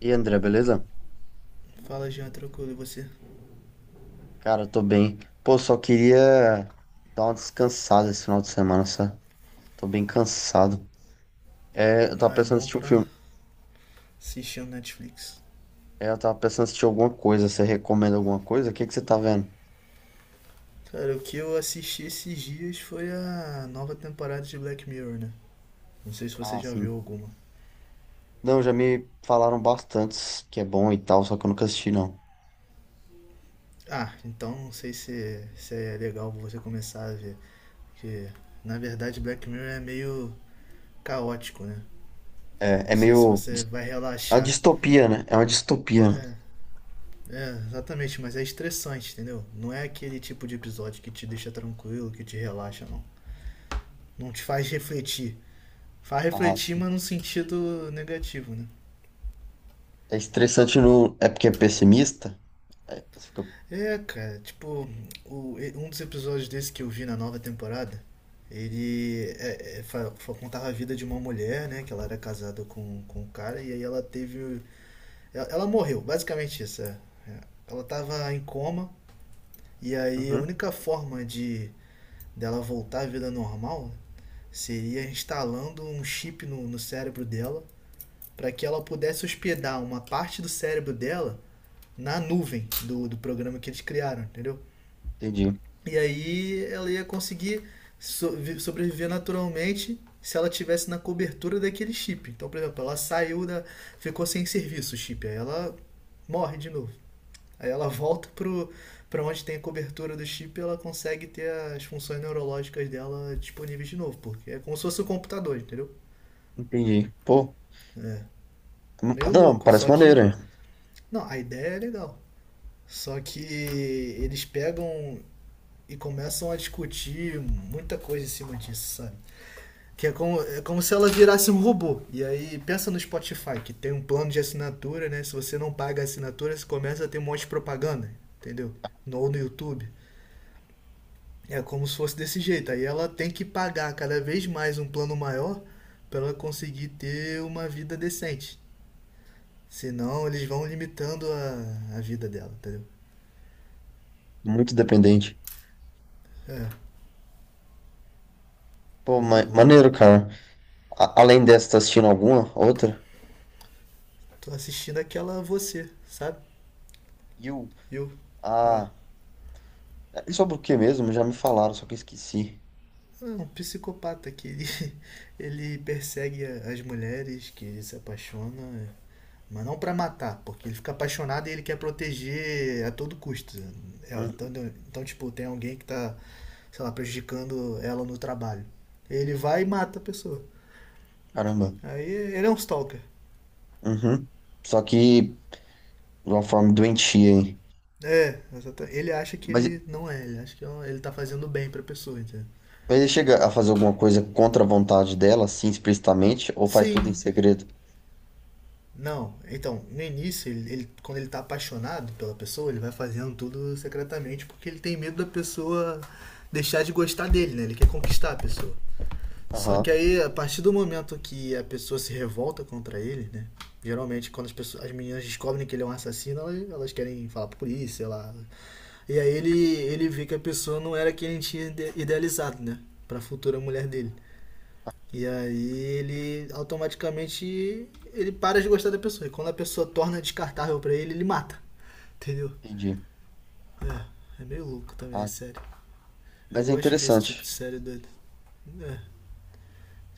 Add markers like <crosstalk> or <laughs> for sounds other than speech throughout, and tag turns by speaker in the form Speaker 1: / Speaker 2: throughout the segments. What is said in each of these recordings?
Speaker 1: E aí, André, beleza?
Speaker 2: Fala, Jean, tranquilo, e você?
Speaker 1: Cara, eu tô bem. Pô, só queria dar uma descansada esse final de semana, sabe? Tô bem cansado. É, eu tava
Speaker 2: Ah, é
Speaker 1: pensando em
Speaker 2: bom
Speaker 1: assistir um
Speaker 2: pra
Speaker 1: filme.
Speaker 2: assistir no Netflix.
Speaker 1: É, eu tava pensando em assistir alguma coisa. Você recomenda alguma coisa? O que que você tá vendo?
Speaker 2: Cara, o que eu assisti esses dias foi a nova temporada de Black Mirror, né? Não sei se você
Speaker 1: Ah,
Speaker 2: já
Speaker 1: sim.
Speaker 2: viu alguma.
Speaker 1: Não, já me falaram bastante que é bom e tal, só que eu nunca assisti, não.
Speaker 2: Ah, então não sei se é legal você começar a ver. Porque, na verdade, Black Mirror é meio caótico, né?
Speaker 1: É,
Speaker 2: Não
Speaker 1: é
Speaker 2: sei se
Speaker 1: meio.
Speaker 2: você vai
Speaker 1: É uma
Speaker 2: relaxar.
Speaker 1: distopia, né? É uma distopia, né?
Speaker 2: É, exatamente, mas é estressante, entendeu? Não é aquele tipo de episódio que te deixa tranquilo, que te relaxa, não. Não te faz refletir. Faz
Speaker 1: Ah,
Speaker 2: refletir,
Speaker 1: sim.
Speaker 2: mas no sentido negativo, né?
Speaker 1: É estressante. No... É porque é pessimista? É.
Speaker 2: É, cara, tipo, um dos episódios desse que eu vi na nova temporada, ele contava a vida de uma mulher, né? Que ela era casada com um cara e aí ela teve. Ela morreu, basicamente isso. É. É. Ela tava em coma e aí a
Speaker 1: Uhum.
Speaker 2: única forma de dela voltar à vida normal seria instalando um chip no cérebro dela para que ela pudesse hospedar uma parte do cérebro dela na nuvem do programa que eles criaram, entendeu?
Speaker 1: Entendi.
Speaker 2: E aí ela ia conseguir sobreviver naturalmente se ela tivesse na cobertura daquele chip. Então, por exemplo, ela saiu da. Ficou sem serviço o chip, aí ela morre de novo. Aí ela volta pro, para onde tem a cobertura do chip ela consegue ter as funções neurológicas dela disponíveis de novo, porque é como se fosse um computador, entendeu?
Speaker 1: Entendi. Pô,
Speaker 2: É. Meio
Speaker 1: não,
Speaker 2: louco,
Speaker 1: parece
Speaker 2: só
Speaker 1: maneiro,
Speaker 2: que.
Speaker 1: hein?
Speaker 2: Não, a ideia é legal. Só que eles pegam e começam a discutir muita coisa em cima disso, sabe? Que é como se ela virasse um robô. E aí, pensa no Spotify, que tem um plano de assinatura, né? Se você não paga a assinatura, você começa a ter um monte de propaganda, entendeu? No, ou no YouTube. É como se fosse desse jeito. Aí ela tem que pagar cada vez mais um plano maior para ela conseguir ter uma vida decente. Senão, eles vão limitando a vida dela, entendeu?
Speaker 1: Muito dependente.
Speaker 2: É,
Speaker 1: Pô,
Speaker 2: é meio
Speaker 1: ma
Speaker 2: louco.
Speaker 1: maneiro, cara. Além dessa, tá assistindo alguma? Outra?
Speaker 2: Tô assistindo aquela Você, sabe?
Speaker 1: You.
Speaker 2: Eu. É.
Speaker 1: Ah. E sobre o que mesmo? Já me falaram, só que eu esqueci.
Speaker 2: Um psicopata que ele, <laughs> ele persegue as mulheres, que ele se apaixona, mas não pra matar, porque ele fica apaixonado e ele quer proteger a todo custo. É,
Speaker 1: Hum,
Speaker 2: então, tipo, tem alguém que tá, sei lá, prejudicando ela no trabalho. Ele vai e mata a pessoa.
Speaker 1: caramba.
Speaker 2: Aí ele é um stalker.
Speaker 1: Uhum. Só que de uma forma doentia, hein?
Speaker 2: É, ele acha que
Speaker 1: Mas,
Speaker 2: ele não é, ele acha que é ele tá fazendo bem pra pessoa, entendeu?
Speaker 1: mas ele chega a fazer alguma coisa contra a vontade dela, assim, explicitamente, ou faz tudo em
Speaker 2: Sim,
Speaker 1: segredo?
Speaker 2: não, então, no início, quando ele tá apaixonado pela pessoa, ele vai fazendo tudo secretamente porque ele tem medo da pessoa deixar de gostar dele, né? Ele quer conquistar a pessoa. Só que
Speaker 1: Aham,
Speaker 2: aí, a partir do momento que a pessoa se revolta contra ele, né? Geralmente, quando as, pessoas, as meninas descobrem que ele é um assassino, elas querem falar pra polícia, sei lá. E aí ele vê que a pessoa não era quem ele tinha idealizado, né? Pra futura mulher dele. E aí ele automaticamente ele para de gostar da pessoa. E quando a pessoa torna descartável pra ele, ele mata. Entendeu?
Speaker 1: entendi.
Speaker 2: É, é meio louco também a
Speaker 1: Ah,
Speaker 2: série. Eu
Speaker 1: mas é
Speaker 2: gosto de ver esse tipo de
Speaker 1: interessante.
Speaker 2: série doido. É.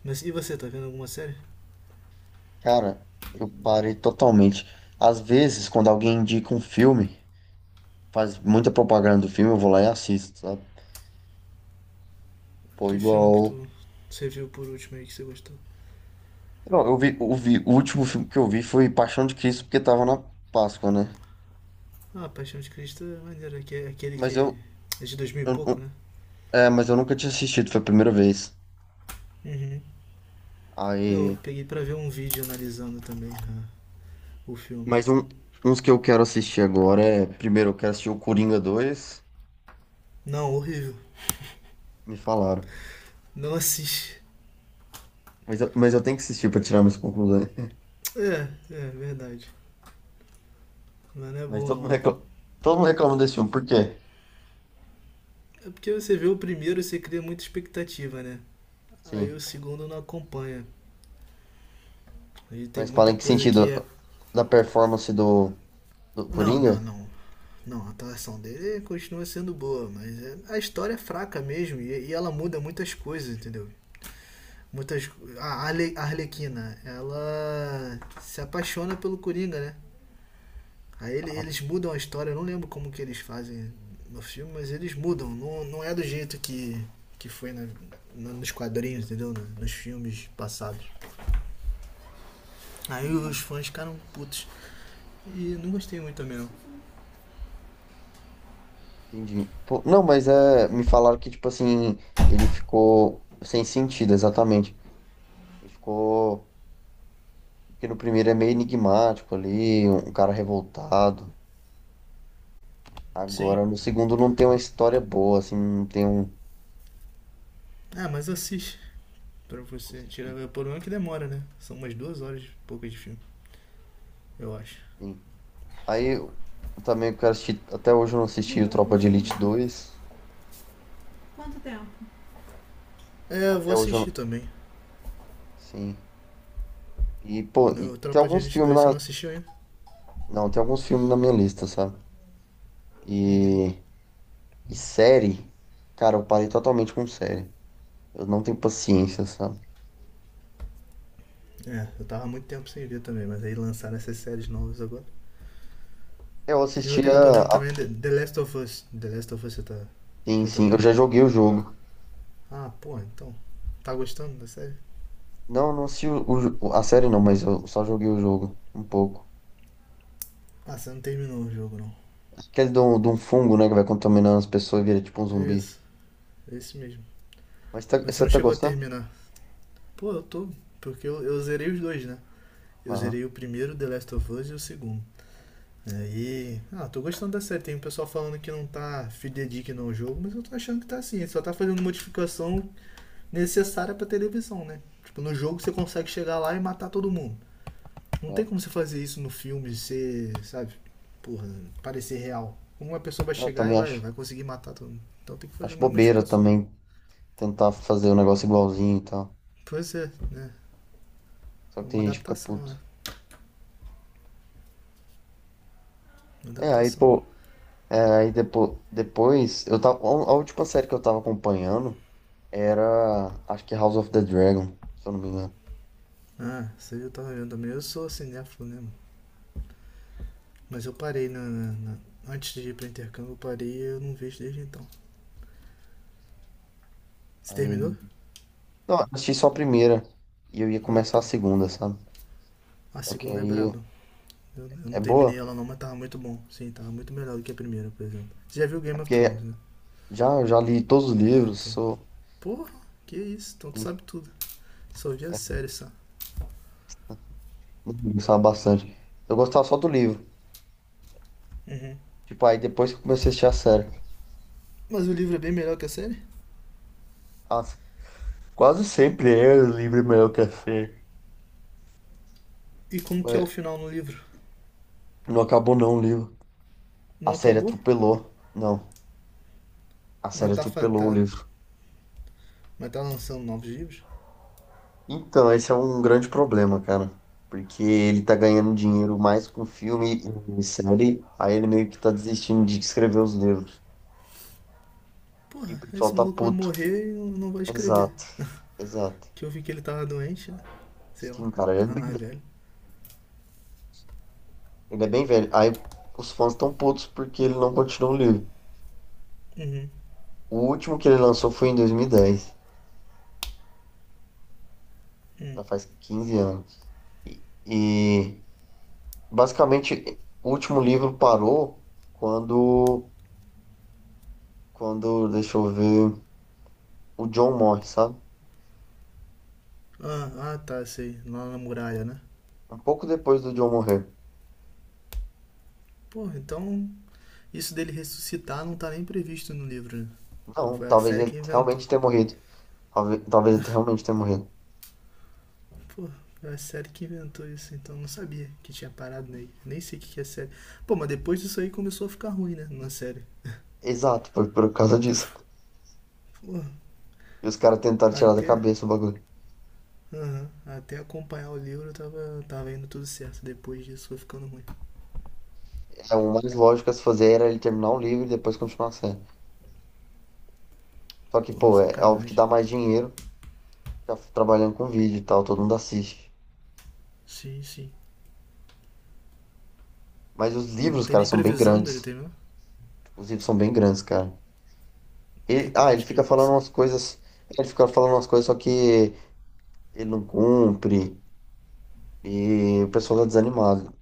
Speaker 2: Mas e você, tá vendo alguma série?
Speaker 1: Cara, eu parei totalmente. Às vezes, quando alguém indica um filme, faz muita propaganda do filme, eu vou lá e assisto, sabe? Pô,
Speaker 2: Que filme que
Speaker 1: igual.
Speaker 2: tu você viu por último aí que você gostou?
Speaker 1: Não, eu vi, o último filme que eu vi foi Paixão de Cristo, porque tava na Páscoa, né?
Speaker 2: Ah, Paixão de Cristo é maneiro, que é aquele
Speaker 1: Mas
Speaker 2: que
Speaker 1: eu,
Speaker 2: é de 2000 e
Speaker 1: eu-
Speaker 2: pouco,
Speaker 1: eu-
Speaker 2: né?
Speaker 1: é, mas eu nunca tinha assistido, foi a primeira vez.
Speaker 2: Uhum. Eu
Speaker 1: Aí,
Speaker 2: peguei pra ver um vídeo analisando também cara, o filme.
Speaker 1: mas uns que eu quero assistir agora é, primeiro eu quero assistir o Coringa 2.
Speaker 2: Não, horrível.
Speaker 1: Me falaram.
Speaker 2: Não assiste.
Speaker 1: Mas eu tenho que assistir pra tirar minhas conclusões. <laughs>
Speaker 2: É, é verdade. Mas não é
Speaker 1: Mas
Speaker 2: bom
Speaker 1: todo mundo
Speaker 2: não.
Speaker 1: reclama, desse filme, por quê?
Speaker 2: É porque você vê o primeiro, você cria muita expectativa, né? Aí o
Speaker 1: Sim.
Speaker 2: segundo não acompanha. E tem
Speaker 1: Mas fala
Speaker 2: muita
Speaker 1: em que
Speaker 2: coisa que é.
Speaker 1: sentido? Da performance do Coringa?
Speaker 2: Não. Não, a atuação dele continua sendo boa, mas a história é fraca mesmo e ela muda muitas coisas, entendeu? Muitas. A Arlequina, ela se apaixona pelo Coringa, né? Aí eles mudam a história, eu não lembro como que eles fazem no filme, mas eles mudam. Não, não é do jeito que foi nos quadrinhos, entendeu? Nos filmes passados. Aí os fãs ficaram putos. E não gostei muito também não.
Speaker 1: Entendi. Pô, não, mas é, me falaram que, tipo assim, ele ficou sem sentido, exatamente. Ele ficou. Porque no primeiro é meio enigmático ali, um cara revoltado.
Speaker 2: Sim.
Speaker 1: Agora no segundo não tem uma história boa, assim, não tem um.
Speaker 2: Ah, mas assiste pra
Speaker 1: Vou
Speaker 2: você. Tira...
Speaker 1: assistir,
Speaker 2: O problema é que demora, né? São umas duas horas e poucas de filme, eu acho.
Speaker 1: sim. Aí eu também quero assistir. Até hoje eu não
Speaker 2: Vê
Speaker 1: assisti o
Speaker 2: pra ela ter
Speaker 1: Tropa de Elite
Speaker 2: estudado.
Speaker 1: dois
Speaker 2: Quanto tempo? É, eu vou
Speaker 1: Até hoje eu
Speaker 2: assistir
Speaker 1: não.
Speaker 2: também.
Speaker 1: Sim. E, pô, e
Speaker 2: Meu
Speaker 1: tem
Speaker 2: Tropa de
Speaker 1: alguns
Speaker 2: Elite
Speaker 1: filmes
Speaker 2: 2 você não
Speaker 1: na.
Speaker 2: assistiu ainda?
Speaker 1: Não, tem alguns filmes na minha lista, sabe?
Speaker 2: Uhum.
Speaker 1: E. E série, cara, eu parei totalmente com série. Eu não tenho paciência, sabe?
Speaker 2: É, eu tava há muito tempo sem ver também, mas aí lançaram essas séries novas agora.
Speaker 1: Eu
Speaker 2: Tem outra
Speaker 1: assistia.
Speaker 2: que eu tô vendo também, The Last of Us. The Last of Us você tá.
Speaker 1: Sim,
Speaker 2: Já tá
Speaker 1: sim, eu
Speaker 2: vendo?
Speaker 1: já joguei o jogo.
Speaker 2: Ah, pô, então. Tá gostando da série?
Speaker 1: Não, não assisti o, a série não, mas eu só joguei o jogo um pouco.
Speaker 2: Ah, você não terminou o jogo não.
Speaker 1: Aquele de um, fungo, né, que vai contaminando as pessoas e vira tipo um
Speaker 2: É
Speaker 1: zumbi.
Speaker 2: isso, é isso mesmo.
Speaker 1: Mas
Speaker 2: Mas você
Speaker 1: você
Speaker 2: não
Speaker 1: tá
Speaker 2: chegou a
Speaker 1: gostando?
Speaker 2: terminar. Pô, eu tô. Porque eu zerei os dois, né? Eu
Speaker 1: Aham.
Speaker 2: zerei o primeiro, The Last of Us, e o segundo. Aí. Ah, tô gostando da série. Tem um pessoal falando que não tá fidedigno ao jogo, mas eu tô achando que tá assim. Ele só tá fazendo modificação necessária pra televisão, né? Tipo, no jogo você consegue chegar lá e matar todo mundo. Não tem como
Speaker 1: É.
Speaker 2: você fazer isso no filme, ser, sabe? Porra, parecer real. Uma pessoa vai
Speaker 1: Eu
Speaker 2: chegar e
Speaker 1: também
Speaker 2: vai,
Speaker 1: acho,
Speaker 2: vai conseguir matar todo mundo. Então tem que fazer
Speaker 1: acho
Speaker 2: umas
Speaker 1: bobeira
Speaker 2: modificações.
Speaker 1: também tentar fazer o negócio igualzinho e tal.
Speaker 2: Pois é, né?
Speaker 1: Só
Speaker 2: É
Speaker 1: que
Speaker 2: uma
Speaker 1: tem gente que fica
Speaker 2: adaptação, né?
Speaker 1: puto.
Speaker 2: Uma
Speaker 1: É, aí,
Speaker 2: adaptação.
Speaker 1: pô, é, aí depois, a última série que eu tava acompanhando era, acho que House of the Dragon, se eu não me engano.
Speaker 2: Ah, você já tá olhando também. Eu sou cinéfilo, né, mano? Mas eu parei na Antes de ir pra intercâmbio, eu parei e eu não vejo desde então. Você terminou?
Speaker 1: Aí, não, eu assisti só a primeira e eu ia
Speaker 2: Ah,
Speaker 1: começar a
Speaker 2: tá.
Speaker 1: segunda, sabe?
Speaker 2: A
Speaker 1: Só que
Speaker 2: segunda é
Speaker 1: aí.
Speaker 2: braba. Eu não
Speaker 1: É
Speaker 2: terminei
Speaker 1: boa?
Speaker 2: ela não, mas tava muito bom. Sim, tava muito melhor do que a primeira, por exemplo. Você já viu
Speaker 1: É
Speaker 2: Game of
Speaker 1: porque
Speaker 2: Thrones, né?
Speaker 1: já li todos os
Speaker 2: Ah,
Speaker 1: livros,
Speaker 2: tá.
Speaker 1: sou.
Speaker 2: Porra, que isso? Então tu
Speaker 1: Hum,
Speaker 2: sabe tudo. Só vi a série, só.
Speaker 1: gostava bastante. Eu gostava só do livro.
Speaker 2: Uhum.
Speaker 1: Tipo, aí depois que eu comecei a assistir a série.
Speaker 2: Mas o livro é bem melhor que a série?
Speaker 1: Nossa, quase sempre é o livro melhor que a série.
Speaker 2: E como que é o
Speaker 1: Mas
Speaker 2: final no livro?
Speaker 1: não acabou não o livro. A
Speaker 2: Não
Speaker 1: série
Speaker 2: acabou?
Speaker 1: atropelou. Não, a
Speaker 2: Mas
Speaker 1: série
Speaker 2: tá,
Speaker 1: atropelou o livro.
Speaker 2: mas tá lançando novos livros?
Speaker 1: Então, esse é um grande problema, cara. Porque ele tá ganhando dinheiro mais com filme e série. Aí ele meio que tá desistindo de escrever os livros. E o
Speaker 2: Porra,
Speaker 1: pessoal
Speaker 2: esse
Speaker 1: tá
Speaker 2: maluco vai
Speaker 1: puto.
Speaker 2: morrer e não vai escrever.
Speaker 1: Exato, exato.
Speaker 2: Que eu vi que ele tava doente, né? Sei lá.
Speaker 1: Sim, cara, ele é
Speaker 2: Tava
Speaker 1: bem,
Speaker 2: mais velho.
Speaker 1: ele é bem velho. Aí os fãs estão putos porque ele não continua o livro.
Speaker 2: Uhum.
Speaker 1: O último que ele lançou foi em 2010.
Speaker 2: Hum.
Speaker 1: Já faz 15 anos. E, basicamente o último livro parou quando, quando, deixa eu ver, o John morre, sabe?
Speaker 2: Ah, ah, tá, sei. Lá na muralha, né?
Speaker 1: Um pouco depois do John morrer.
Speaker 2: Pô, então isso dele ressuscitar não tá nem previsto no livro, né? Então
Speaker 1: Não,
Speaker 2: foi a
Speaker 1: talvez
Speaker 2: série
Speaker 1: ele
Speaker 2: que inventou.
Speaker 1: realmente tenha morrido. Talvez ele realmente tenha morrido.
Speaker 2: Pô, foi a série que inventou isso, então eu não sabia que tinha parado nele. Nem sei o que que é série. Pô, mas depois disso aí começou a ficar ruim, né? Na série.
Speaker 1: Exato, foi por causa disso.
Speaker 2: Pô,
Speaker 1: E os caras tentaram tirar da
Speaker 2: até.
Speaker 1: cabeça o bagulho.
Speaker 2: Aham, até acompanhar o livro tava indo tudo certo. Depois disso foi ficando ruim.
Speaker 1: É, o mais lógico a se fazer era ele terminar o livro e depois continuar a série. Só que,
Speaker 2: Pô,
Speaker 1: pô, é óbvio que
Speaker 2: sacanagem.
Speaker 1: dá mais dinheiro ficar trabalhando com vídeo e tal, todo mundo assiste.
Speaker 2: Sim, sim.
Speaker 1: Mas os
Speaker 2: Mas não
Speaker 1: livros,
Speaker 2: tem
Speaker 1: cara,
Speaker 2: nem
Speaker 1: são bem
Speaker 2: previsão dele
Speaker 1: grandes.
Speaker 2: terminar?
Speaker 1: Os livros são bem grandes, cara.
Speaker 2: Tem
Speaker 1: Ele
Speaker 2: quantos que já
Speaker 1: fica falando
Speaker 2: lançaram?
Speaker 1: umas coisas. Ele fica falando umas coisas, só que ele não cumpre. E o pessoal tá desanimado.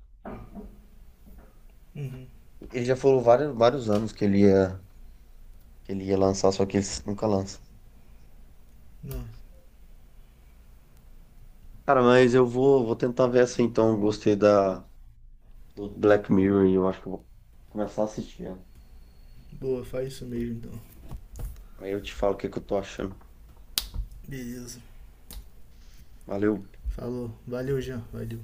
Speaker 2: Uhum.
Speaker 1: Ele já falou vários, vários anos que ele ia, lançar, só que ele nunca lança.
Speaker 2: Não.
Speaker 1: Cara, mas eu vou tentar ver essa então. Eu gostei do Black Mirror e eu acho que eu vou começar a assistir.
Speaker 2: Boa, faz isso mesmo então.
Speaker 1: Aí eu te falo o que que eu tô achando.
Speaker 2: Beleza.
Speaker 1: Valeu.
Speaker 2: Falou. Valeu, Jean. Valeu.